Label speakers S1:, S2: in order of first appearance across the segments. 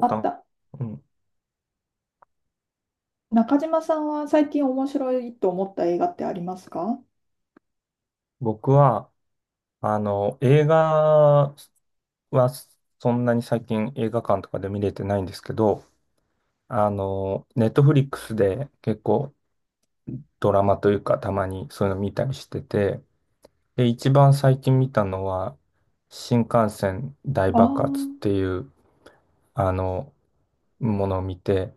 S1: あっ
S2: か
S1: た。
S2: うん。
S1: 中島さんは最近面白いと思った映画ってありますか？
S2: 僕は、映画はそんなに最近映画館とかで見れてないんですけど、ネットフリックスで結構ドラマというかたまにそういうの見たりしてて、で、一番最近見たのは、新幹線大
S1: ああ
S2: 爆発っ
S1: ー、
S2: ていう、あの、ものを見て、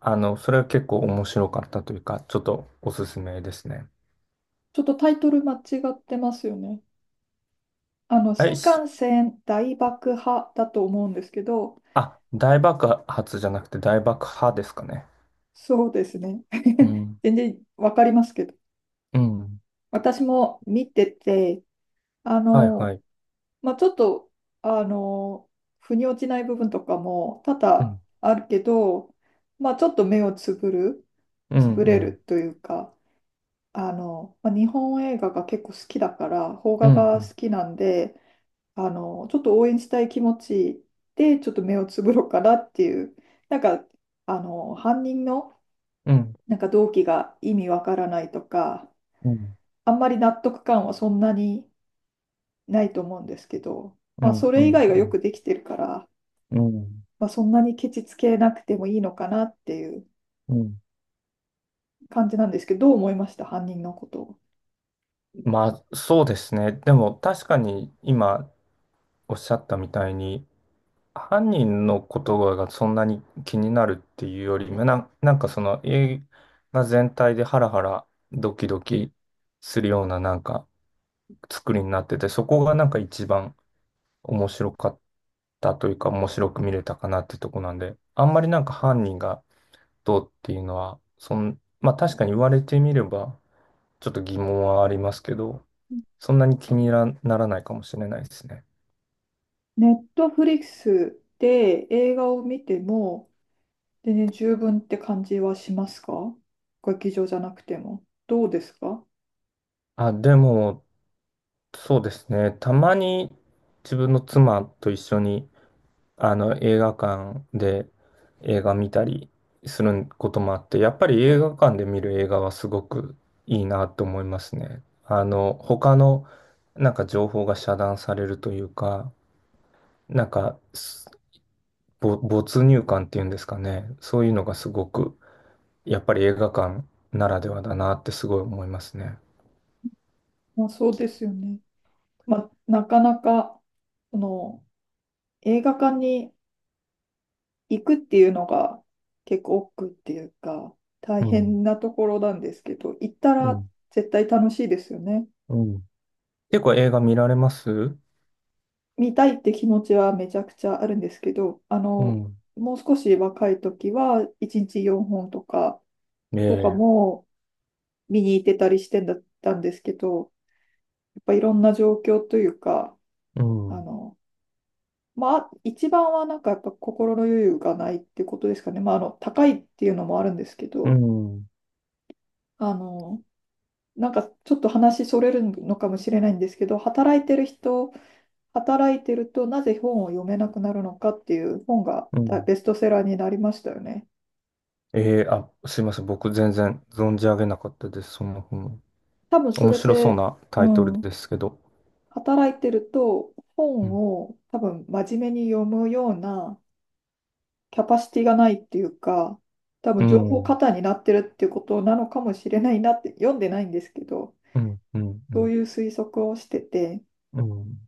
S2: それは結構面白かったというか、ちょっとおすすめですね。
S1: ちょっとタイトル間違ってますよね。
S2: はい、
S1: 新幹線大爆破だと思うんですけど、
S2: あ、大爆発じゃなくて大爆破ですかね。
S1: そうですね。
S2: う ん、
S1: 全然わかりますけど。
S2: うん、
S1: 私も見てて、あ
S2: はいは
S1: の、
S2: い。
S1: まあ、ちょっと、あの、腑に落ちない部分とかも多
S2: う
S1: 々
S2: ん、
S1: あるけど、まあ、ちょっと目をつぶる、
S2: う
S1: つ
S2: ん、
S1: ぶ
S2: う
S1: れ
S2: ん、
S1: るというか、まあ、日本映画が結構好きだから、邦
S2: う
S1: 画が
S2: ん、
S1: 好きなんで、ちょっと応援したい気持ちで、ちょっと目をつぶろうかなっていう、なんか、犯人の、
S2: うん、うん、
S1: なんか動機が意味わからないとか、
S2: うん、
S1: あんまり納得感はそんなにないと思うんですけど、
S2: う
S1: まあ、それ以
S2: ん、
S1: 外がよくできてるから、
S2: うん、
S1: まあ、そんなにケチつけなくてもいいのかなっていう
S2: うん。
S1: 感じなんですけど、どう思いました、犯人のことを。
S2: まあ、そうですね。でも確かに今おっしゃったみたいに、犯人の言葉がそんなに気になるっていうよりも、なんかその映画全体でハラハラドキドキするようななんか作りになってて、そこがなんか一番面白かったというか面白く見れたかなってとこなんで、あんまりなんか犯人がどうっていうのは、まあ確かに言われてみれば、ちょっと疑問はありますけど、そんなに気になならないかもしれないですね。
S1: ネットフリックスで映画を見ても、全然十分って感じはしますか？劇場じゃなくても。どうですか？
S2: あ、でも、そうですね。たまに自分の妻と一緒に映画館で映画見たりすることもあって、やっぱり映画館で見る映画はすごくいいなと思いますね。他のなんか情報が遮断されるというか、なんか、没入感っていうんですかね。そういうのがすごく、やっぱり映画館ならではだなってすごい思いますね。
S1: まあ、そうですよね。まあ、なかなか、その、映画館に行くっていうのが結構億劫っていうか、大
S2: うん、
S1: 変なところなんですけど、行った
S2: う
S1: ら
S2: ん、
S1: 絶対楽しいですよね。
S2: うん。結構映画見られます？
S1: 見たいって気持ちはめちゃくちゃあるんですけど、
S2: うん。
S1: もう少し若い時は1日4本とか、
S2: え
S1: とか
S2: え。
S1: も見に行ってたりしてんだったんですけど、やっぱいろんな状況というか、
S2: う
S1: あ
S2: ん、う
S1: の、まあ、一番はなんかやっぱ心の余裕がないってことですかね。まあ、高いっていうのもあるんですけど、
S2: ん、
S1: あの、なんかちょっと話それるのかもしれないんですけど、働いてるとなぜ本を読めなくなるのかっていう本が
S2: うん。
S1: ベストセラーになりましたよね。
S2: えー、あ、すいません。僕全然存じ上げなかったです。その本、
S1: 多分そ
S2: 面
S1: れ
S2: 白そう
S1: で、
S2: な
S1: う
S2: タイトル
S1: ん、
S2: ですけど。
S1: 働いてると
S2: う
S1: 本
S2: ん。
S1: を多分真面目に読むようなキャパシティがないっていうか、多
S2: う
S1: 分情報過
S2: ん。
S1: 多になってるっていうことなのかもしれないなって読んでないんですけど、
S2: うん。うん。う
S1: そう
S2: ん。
S1: いう推測をしてて、
S2: うん。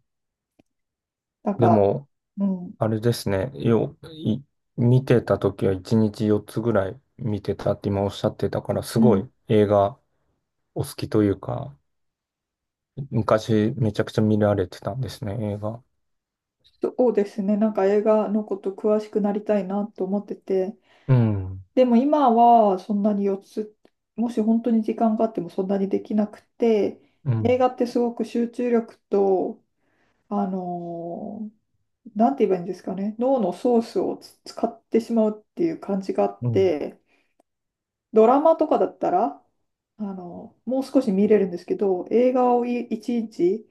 S1: なん
S2: で
S1: か、
S2: も、
S1: うん、
S2: あれですね。見てた時は1日4つぐらい見てたって今おっしゃってたから、す
S1: う
S2: ご
S1: ん、
S2: い映画お好きというか、昔めちゃくちゃ見られてたんですね、映画。
S1: そうですね。なんか映画のこと詳しくなりたいなと思ってて。
S2: うん。
S1: でも今はそんなに4つ、もし本当に時間があってもそんなにできなくて、
S2: うん。
S1: 映画ってすごく集中力と、あのーなんて言えばいいんですかね、脳のソースを使ってしまうっていう感じがあっ
S2: うん。
S1: て、ドラマとかだったら、もう少し見れるんですけど、映画を1日、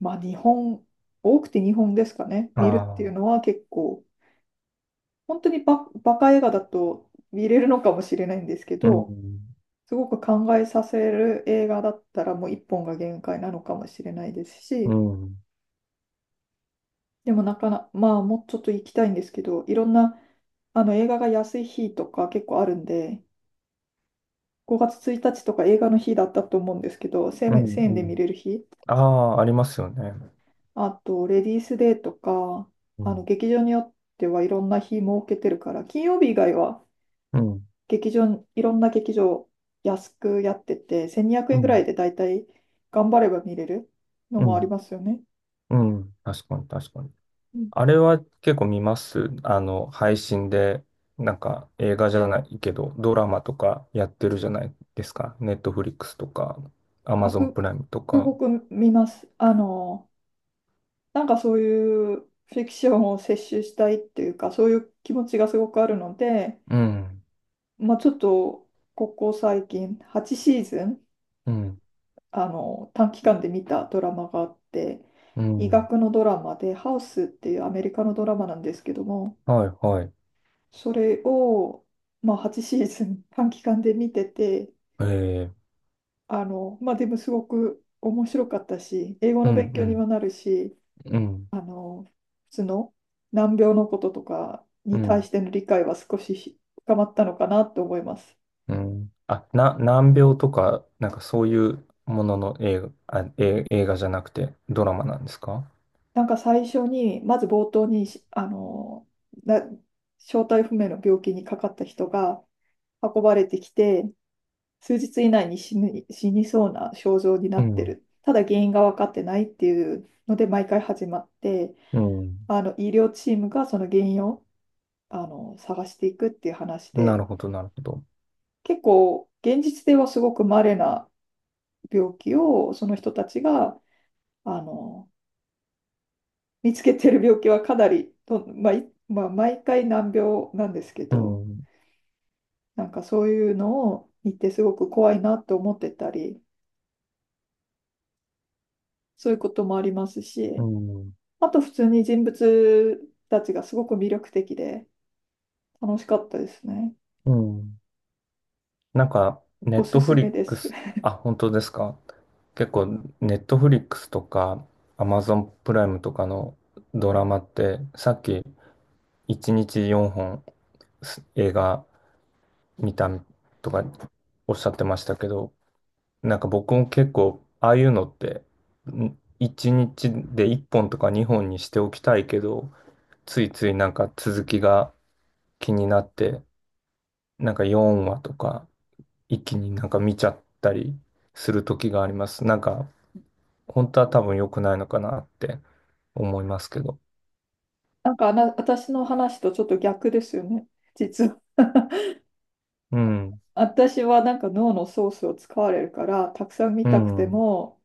S1: まあ2本、多くて2本ですかね、
S2: あ
S1: 見るっていうの
S2: あ。
S1: は結構、本当にバカ映画だと見れるのかもしれないんですけ
S2: う
S1: ど、
S2: ん。
S1: すごく考えさせる映画だったらもう一本が限界なのかもしれないです
S2: う
S1: し、
S2: ん。
S1: でもなかな、まあもうちょっと行きたいんですけど、いろんな映画が安い日とか結構あるんで、5月1日とか映画の日だったと思うんですけど、
S2: う
S1: 1
S2: ん。
S1: 1000円
S2: う
S1: で見
S2: ん。
S1: れる日、
S2: ああ、ありますよね。
S1: あとレディースデーとか、劇場によってはいろんな日設けてるから、金曜日以外は
S2: うん、
S1: いろんな劇場安くやってて、1200
S2: う
S1: 円ぐらい
S2: ん、
S1: でだいたい頑張れば見れるの
S2: う
S1: もあり
S2: ん、
S1: ますよね。
S2: うん。確かに、確かに。
S1: うん。
S2: あれは結構見ます。配信で、なんか映画じゃないけど、ドラマとかやってるじゃないですか。ネットフリックスとか、アマ
S1: あ、
S2: ゾンプライムと
S1: す
S2: か。
S1: ごく見ます。なんかそういうフィクションを摂取したいっていうか、そういう気持ちがすごくあるので、
S2: うん、
S1: まあ、ちょっとここ最近8シーズン
S2: うん、
S1: 短期間で見たドラマがあって
S2: う
S1: 医
S2: ん。
S1: 学のドラマで「ハウス」っていうアメリカのドラマなんですけども
S2: はい、はい。
S1: それを、まあ、8シーズン 短期間で見てて、
S2: えー、
S1: まあ、でもすごく面白かったし、英語
S2: う
S1: の
S2: ん、
S1: 勉
S2: う
S1: 強にも
S2: ん、
S1: なるし、
S2: うん、
S1: あの、普通の難病のこととか
S2: う
S1: に対
S2: ん、
S1: しての理解は少し深まったのかなと思います。
S2: うん。あ、難病とか、なんかそういうものの映画、あ、映画じゃなくてドラマなんですか？
S1: なんか最初に、まず冒頭に、な正体不明の病気にかかった人が運ばれてきて、数日以内に死ぬ、死にそうな症状にな
S2: う
S1: って
S2: ん、
S1: る。ただ原因が分かってないっていうので毎回始まって、
S2: うん。
S1: 医療チームがその原因を探していくっていう話
S2: な
S1: で、
S2: るほど、なるほど。
S1: 結構現実ではすごく稀な病気をその人たちがあの見つけてる病気はかなりと、まあいまあ、毎回難病なんですけ
S2: う
S1: ど、
S2: ん、
S1: なんかそういうのを見てすごく怖いなと思ってたり、そういうこともあります
S2: う
S1: し。
S2: ん、
S1: あと普通に人物たちがすごく魅力的で楽しかったですね。
S2: うん。なんか、ネ
S1: お
S2: ッ
S1: す
S2: トフ
S1: す
S2: リ
S1: め
S2: ッ
S1: で
S2: ク
S1: す。
S2: ス、あ、本当ですか？結構、ネットフリックスとか、アマゾンプライムとかのドラマって、さっき、1日4本映画見たとかおっしゃってましたけど、なんか僕も結構、ああいうのって、1日で1本とか2本にしておきたいけど、ついついなんか続きが気になって、なんか4話とか一気になんか見ちゃったりする時があります。なんか本当は多分良くないのかなって思いますけど。
S1: なんかあな、私の話とちょっと逆ですよね、実は。
S2: うん、
S1: 私はなんか脳のソースを使われるからたくさん見
S2: う
S1: たくて
S2: ん、
S1: も、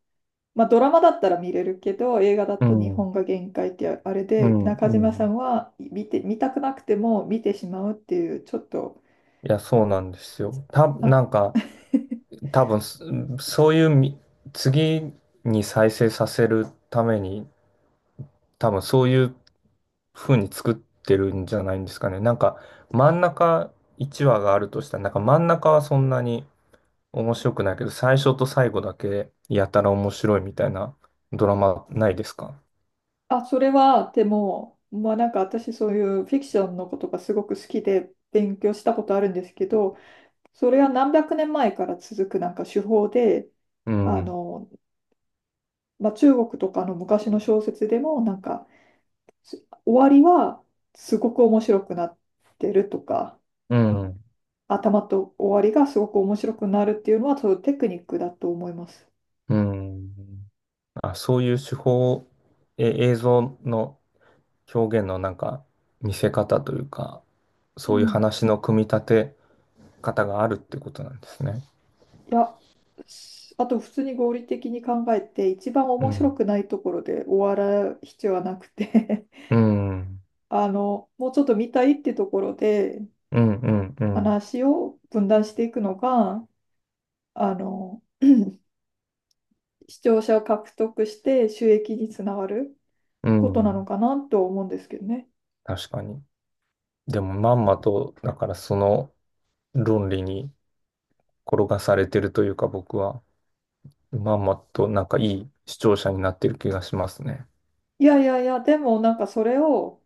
S1: まあ、ドラマだったら見れるけど映画だ
S2: う
S1: と日
S2: ん、
S1: 本が限界ってあれ
S2: う
S1: で
S2: ん、う
S1: 中島さ
S2: ん。
S1: んは見て、見たくなくても見てしまうっていうちょっと。
S2: いや、そうなんですよ。
S1: あ
S2: なんか多分すそういうみ次に再生させるために多分そういう風に作ってるんじゃないんですかね。なんか真ん中1話があるとしたら、なんか真ん中はそんなに面白くないけど、最初と最後だけやたら面白いみたいなドラマないですか？
S1: あ、それは、でも、まあなんか私そういうフィクションのことがすごく好きで勉強したことあるんですけど、それは何百年前から続くなんか手法で、
S2: う
S1: あ
S2: ん。
S1: の、まあ中国とかの昔の小説でもなんか終わりはすごく面白くなってるとか、
S2: うん。
S1: 頭と終わりがすごく面白くなるっていうのはそういうテクニックだと思います。
S2: うん。あ、そういう手法、映像の表現のなんか見せ方というか、
S1: う
S2: そういう
S1: ん。
S2: 話の組み立て方があるってことなんですね。
S1: いや、あと普通に合理的に考えて、一番
S2: う
S1: 面白
S2: ん。
S1: くないところで終わら必要はなくて
S2: うん。
S1: もうちょっと見たいってところで
S2: うん。うん。うん。
S1: 話を分断していくのが、あの、視聴者を獲得して収益につながる
S2: う
S1: ことなの
S2: ん。
S1: かなと思うんですけどね。
S2: 確かに。でもまんまと、だからその論理に転がされてるというか僕は。まんまとなんかいい視聴者になってる気がしますね。
S1: いやいやいや、でもなんかそれを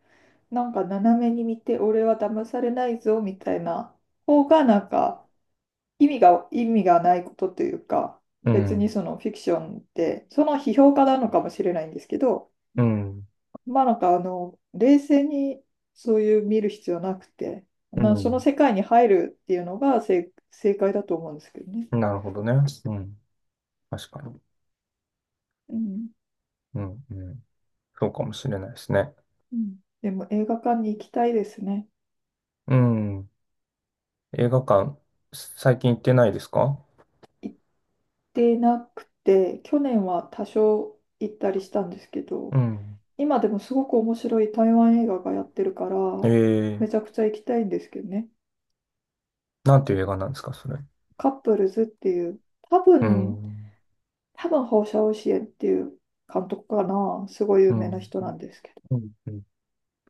S1: なんか斜めに見て、俺は騙されないぞみたいな方がなんか意味がないことというか、
S2: う
S1: 別に
S2: ん。
S1: そのフィクションって、その批評家なのかもしれないんですけど、
S2: うん。
S1: まあなんか冷静にそういう見る必要なくて、
S2: う
S1: その
S2: ん。
S1: 世界に入るっていうのが正解だと思うんですけどね。
S2: なるほどね。うん。確かに。
S1: うん。
S2: うん。うん。そうかもしれないですね。
S1: うん。でも映画館に行きたいですね。
S2: うん。映画館、最近行ってないですか？
S1: 行ってなくて、去年は多少行ったりしたんですけ
S2: う
S1: ど、
S2: ん。
S1: 今でもすごく面白い台湾映画がやってるから、
S2: え
S1: めち
S2: え。
S1: ゃくちゃ行きたいんですけどね。
S2: なんていう映画なんですか、それ？
S1: カップルズっていう、多
S2: う
S1: 分、
S2: ん。
S1: 放射線っていう監督かな、すごい有
S2: う
S1: 名な
S2: ん。
S1: 人なんですけ
S2: うん。